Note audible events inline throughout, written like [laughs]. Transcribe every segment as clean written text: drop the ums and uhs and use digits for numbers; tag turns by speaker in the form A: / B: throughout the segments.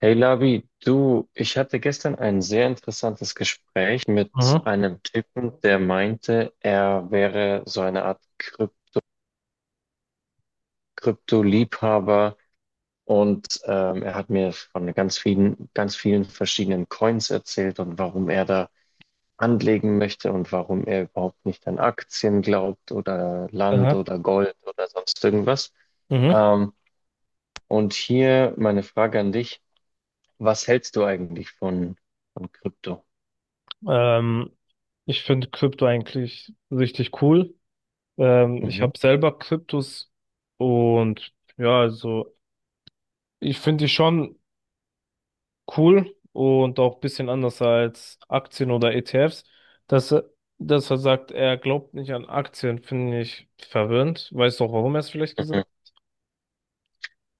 A: Hey Labi, du, ich hatte gestern ein sehr interessantes Gespräch mit
B: Mhm.
A: einem Typen, der meinte, er wäre so eine Art Krypto-Liebhaber und er hat mir von ganz vielen verschiedenen Coins erzählt und warum er da anlegen möchte und warum er überhaupt nicht an Aktien glaubt oder Land
B: Aha.
A: oder Gold oder sonst irgendwas.
B: Mhm.
A: Ähm, und hier meine Frage an dich, was hältst du eigentlich von Krypto?
B: Ähm, Ich finde Krypto eigentlich richtig cool. Ich
A: Mhm.
B: habe selber Kryptos und ja, also ich finde die schon cool und auch ein bisschen anders als Aktien oder ETFs. Dass er, dass er sagt, er glaubt nicht an Aktien, finde ich verwirrend. Weißt du auch, warum er es vielleicht gesagt hat?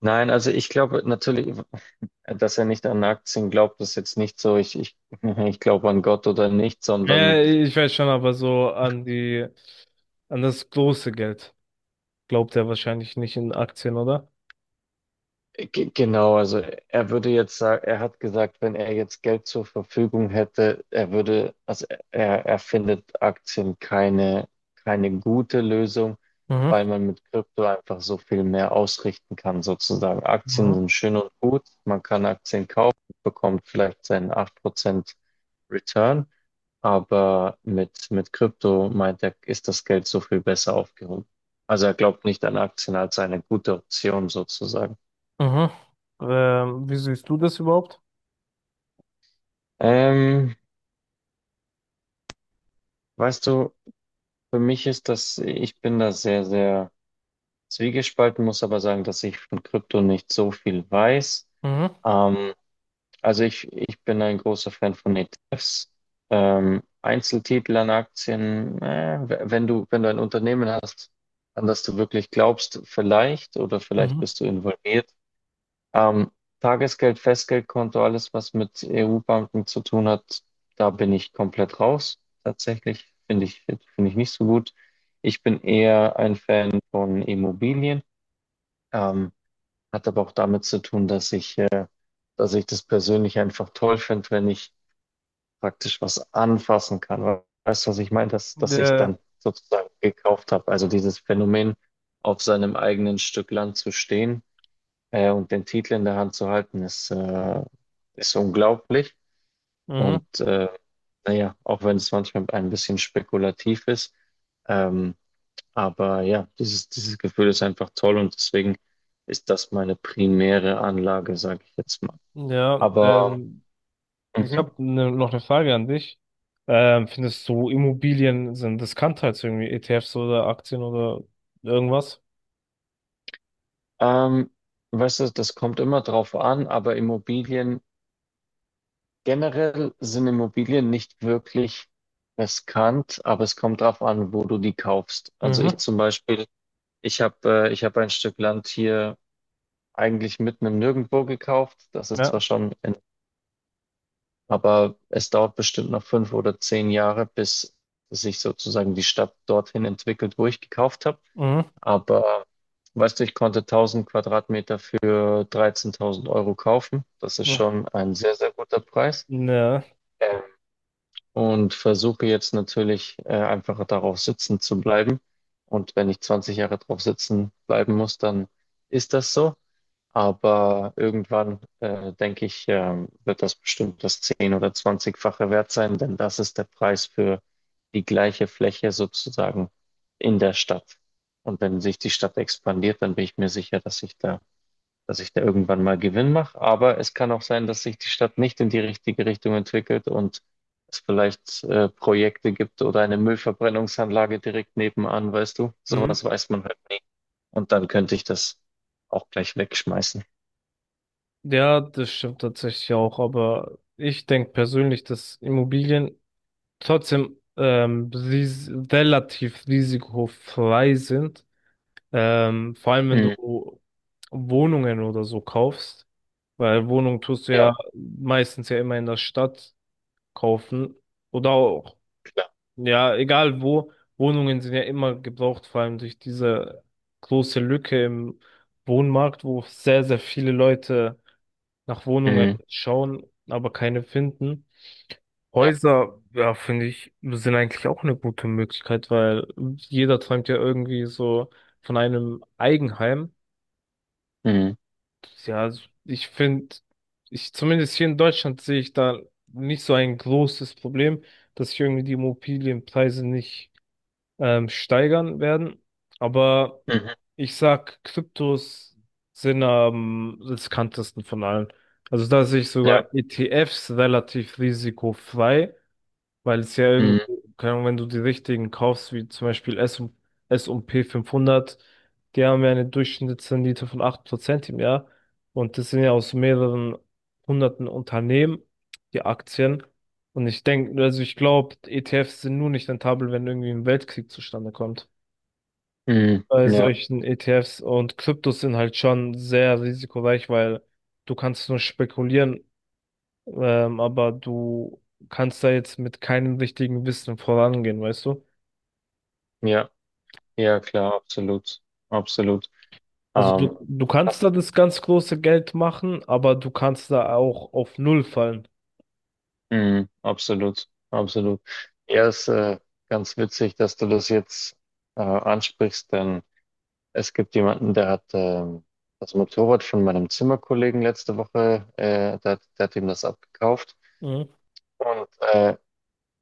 A: Nein, also ich glaube natürlich, dass er nicht an Aktien glaubt, ist jetzt nicht so, [laughs] ich glaube an Gott oder nicht, sondern
B: Ja, ich weiß schon, aber so an das große Geld glaubt er wahrscheinlich nicht in Aktien, oder?
A: genau, also er würde jetzt sagen, er hat gesagt, wenn er jetzt Geld zur Verfügung hätte, er würde, also er findet Aktien keine gute Lösung,
B: Mhm.
A: weil man mit Krypto einfach so viel mehr ausrichten kann, sozusagen. Aktien
B: Mhm.
A: sind schön und gut, man kann Aktien kaufen, bekommt vielleicht seinen 8% Return. Aber mit Krypto meint er, ist das Geld so viel besser aufgehoben. Also er glaubt nicht an Aktien als eine gute Option sozusagen.
B: Mhm. Wie siehst du das überhaupt?
A: Ähm, Weißt du, für mich ist das, ich bin da sehr, sehr zwiegespalten, muss aber sagen, dass ich von Krypto nicht so viel weiß.
B: Mhm.
A: Ähm, Also ich bin ein großer Fan von ETFs. Einzeltitel an Aktien, wenn du ein Unternehmen hast, an das du wirklich glaubst, vielleicht oder vielleicht
B: Mhm.
A: bist du involviert. Ähm, Tagesgeld, Festgeldkonto, alles, was mit EU-Banken zu tun hat, da bin ich komplett raus. Tatsächlich finde ich nicht so gut. Ich bin eher ein Fan von Immobilien. Ähm, hat aber auch damit zu tun, dass ich das persönlich einfach toll finde, wenn ich praktisch was anfassen kann. Weißt du, was ich meine? Dass ich
B: Der,
A: dann sozusagen gekauft habe. Also dieses Phänomen, auf seinem eigenen Stück Land zu stehen und den Titel in der Hand zu halten, ist unglaublich.
B: Mhm.
A: Und naja, auch wenn es manchmal ein bisschen spekulativ ist, ähm, aber ja, dieses Gefühl ist einfach toll und deswegen ist das meine primäre Anlage, sage ich jetzt mal.
B: Ja,
A: Aber.
B: ich
A: Mhm.
B: habe noch eine Frage an dich. Findest du, Immobilien sind riskant halt so irgendwie ETFs oder Aktien oder irgendwas?
A: Ähm, Weißt du, das kommt immer drauf an, aber Immobilien, generell sind Immobilien nicht wirklich riskant, aber es kommt drauf an, wo du die kaufst. Also ich
B: Mhm.
A: zum Beispiel, ich habe ein Stück Land hier eigentlich mitten im Nirgendwo gekauft. Das ist
B: Ja.
A: zwar schon, aber es dauert bestimmt noch 5 oder 10 Jahre, bis sich sozusagen die Stadt dorthin entwickelt, wo ich gekauft habe.
B: Mhm.
A: Aber weißt du, ich konnte 1000 Quadratmeter für 13.000 Euro kaufen. Das ist
B: Ja.
A: schon ein sehr, sehr guter Preis.
B: Ne.
A: Ähm, und versuche jetzt natürlich einfach darauf sitzen zu bleiben. Und wenn ich 20 Jahre drauf sitzen bleiben muss, dann ist das so. Aber irgendwann, denke ich, wird das bestimmt das 10 oder 20-fache wert sein, denn das ist der Preis für die gleiche Fläche sozusagen in der Stadt. Und wenn sich die Stadt expandiert, dann bin ich mir sicher, dass ich da, irgendwann mal Gewinn mache. Aber es kann auch sein, dass sich die Stadt nicht in die richtige Richtung entwickelt und es vielleicht Projekte gibt oder eine Müllverbrennungsanlage direkt nebenan, weißt du?
B: Mhm.
A: Sowas weiß man halt nie. Und dann könnte ich das auch gleich wegschmeißen.
B: Ja, das stimmt tatsächlich auch, aber ich denke persönlich, dass Immobilien trotzdem ris relativ risikofrei sind. Vor allem, wenn
A: Mhm.
B: du Wohnungen oder so kaufst, weil Wohnung tust du ja
A: Ja,
B: meistens ja immer in der Stadt kaufen. Oder auch,
A: klar.
B: ja, egal wo, Wohnungen sind ja immer gebraucht, vor allem durch diese große Lücke im Wohnmarkt, wo sehr, sehr viele Leute nach Wohnungen
A: Mhm.
B: schauen, aber keine finden.
A: Ja.
B: Häuser, ja, finde ich, sind eigentlich auch eine gute Möglichkeit, weil jeder träumt ja irgendwie so von einem Eigenheim.
A: Mhm.
B: Ja, also ich finde, ich zumindest hier in Deutschland sehe ich da nicht so ein großes Problem, dass sich irgendwie die Immobilienpreise nicht steigern werden. Aber
A: Mhm.
B: ich sag, Kryptos sind am riskantesten von allen. Also da sehe ich
A: Ja.
B: sogar ETFs relativ risikofrei, weil es ja irgendwie,
A: Mhm.
B: keine Ahnung, wenn du die richtigen kaufst, wie zum Beispiel S&P 500. Die haben ja eine Durchschnittsrendite von 8% im Jahr. Und das sind ja aus mehreren hunderten Unternehmen, die Aktien. Und ich denke, also ich glaube, ETFs sind nur nicht rentabel, wenn irgendwie ein Weltkrieg zustande kommt.
A: Mhm.
B: Bei
A: Ja.
B: solchen ETFs und Kryptos sind halt schon sehr risikoreich, weil du kannst nur spekulieren, aber du kannst da jetzt mit keinem richtigen Wissen vorangehen, weißt du?
A: Ja. Ja, klar, absolut. Absolut.
B: Also
A: Ähm,
B: du kannst
A: Das,
B: da das ganz große Geld machen, aber du kannst da auch auf Null fallen.
A: mhm. Absolut. Absolut. Ja, ist ganz witzig, dass du das jetzt ansprichst, denn es gibt jemanden, der hat das Motorrad von meinem Zimmerkollegen letzte Woche, der hat ihm das abgekauft.
B: Mhm,
A: Und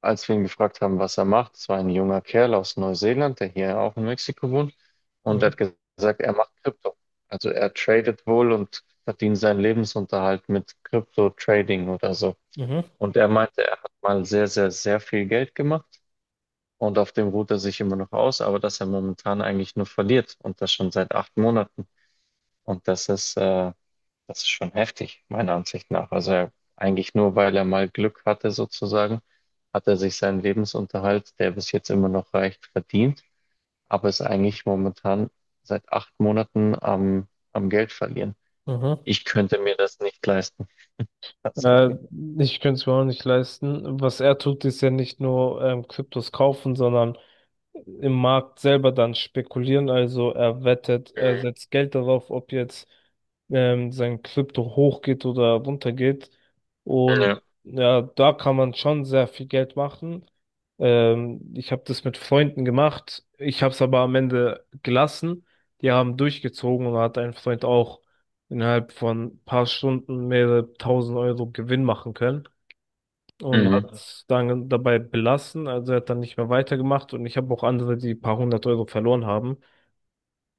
A: als wir ihn gefragt haben, was er macht, es war ein junger Kerl aus Neuseeland, der hier auch in Mexiko wohnt, und er
B: mhm,
A: hat gesagt, er macht Krypto. Also er tradet wohl und verdient seinen Lebensunterhalt mit Krypto-Trading oder so.
B: mhm,
A: Und er meinte, er hat mal sehr, sehr, sehr viel Geld gemacht und auf dem ruht er sich immer noch aus, aber dass er momentan eigentlich nur verliert und das schon seit 8 Monaten. Und das ist schon heftig, meiner Ansicht nach. Also er, eigentlich nur, weil er mal Glück hatte, sozusagen, hat er sich seinen Lebensunterhalt, der bis jetzt immer noch reicht, verdient, aber ist eigentlich momentan seit 8 Monaten am Geld verlieren.
B: mhm.
A: Ich könnte mir das nicht leisten,
B: Äh,
A: tatsächlich.
B: Ich könnte es mir auch nicht leisten. Was er tut, ist ja nicht nur Kryptos kaufen, sondern im Markt selber dann spekulieren. Also er wettet, er
A: Mhm.
B: setzt Geld darauf, ob jetzt sein Krypto hochgeht oder runtergeht.
A: Ja,
B: Und ja, da kann man schon sehr viel Geld machen. Ich habe das mit Freunden gemacht. Ich habe es aber am Ende gelassen. Die haben durchgezogen und da hat ein Freund auch innerhalb von ein paar Stunden mehrere tausend Euro Gewinn machen können und
A: mhm.
B: hat es dann dabei belassen. Also er hat dann nicht mehr weitergemacht und ich habe auch andere, die ein paar hundert Euro verloren haben.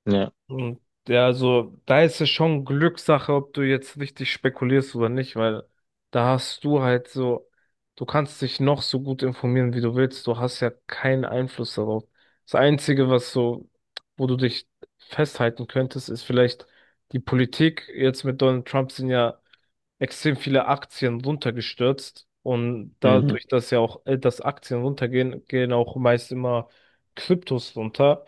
A: Ja,
B: Und ja, also da ist es schon Glückssache, ob du jetzt richtig spekulierst oder nicht, weil da hast du halt so, du kannst dich noch so gut informieren, wie du willst. Du hast ja keinen Einfluss darauf. Das Einzige, was so, wo du dich festhalten könntest, ist vielleicht die Politik. Jetzt mit Donald Trump sind ja extrem viele Aktien runtergestürzt, und
A: mhm.
B: dadurch, dass ja auch dass Aktien runtergehen, gehen auch meist immer Kryptos runter.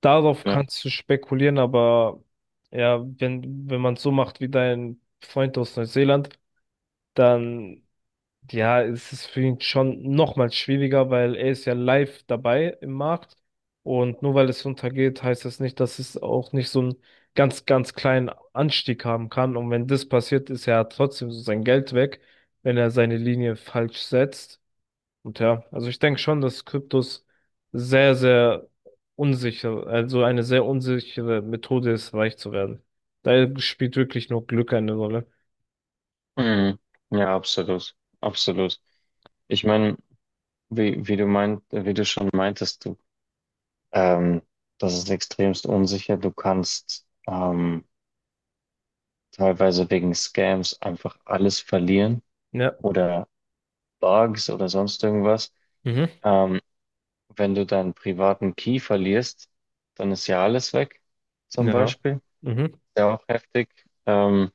B: Darauf
A: Ja,
B: kannst du spekulieren, aber ja, wenn man so macht wie dein Freund aus Neuseeland, dann ja, es ist für ihn schon nochmal schwieriger, weil er ist ja live dabei im Markt. Und nur weil es runtergeht, heißt das nicht, dass es auch nicht so einen ganz, ganz kleinen Anstieg haben kann. Und wenn das passiert, ist er trotzdem so sein Geld weg, wenn er seine Linie falsch setzt. Und ja, also ich denke schon, dass Kryptos sehr, sehr unsicher, also eine sehr unsichere Methode ist, reich zu werden. Da spielt wirklich nur Glück eine Rolle.
A: mhm. Ja, absolut, absolut. Ich meine, wie du meint, wie du schon meintest, du Ähm, Das ist extremst unsicher. Du kannst teilweise wegen Scams einfach alles verlieren
B: Ja.
A: oder Bugs oder sonst irgendwas.
B: Mhm.
A: Ähm, wenn du deinen privaten Key verlierst, dann ist ja alles weg, zum
B: Ja.
A: Beispiel.
B: Mhm.
A: Ja, auch heftig. Ähm,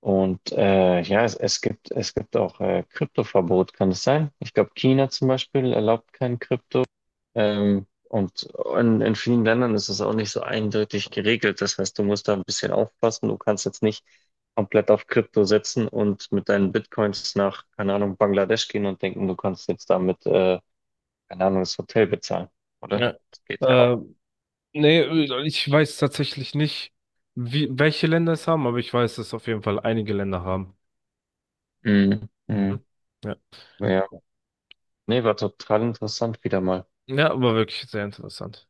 A: und ja, es gibt auch Kryptoverbot, kann es sein? Ich glaube, China zum Beispiel erlaubt kein Krypto. Und in vielen Ländern ist es auch nicht so eindeutig geregelt. Das heißt, du musst da ein bisschen aufpassen. Du kannst jetzt nicht komplett auf Krypto setzen und mit deinen Bitcoins nach, keine Ahnung, Bangladesch gehen und denken, du kannst jetzt damit, keine Ahnung, das Hotel bezahlen, oder?
B: Ja.
A: Das geht ja auch.
B: Äh, Nee, ich weiß tatsächlich nicht, wie, welche Länder es haben, aber ich weiß, dass auf jeden Fall einige Länder haben.
A: Mhm. Mhm.
B: Mhm. Ja.
A: Ja. Nee, war total interessant wieder mal.
B: Ja, aber wirklich sehr interessant.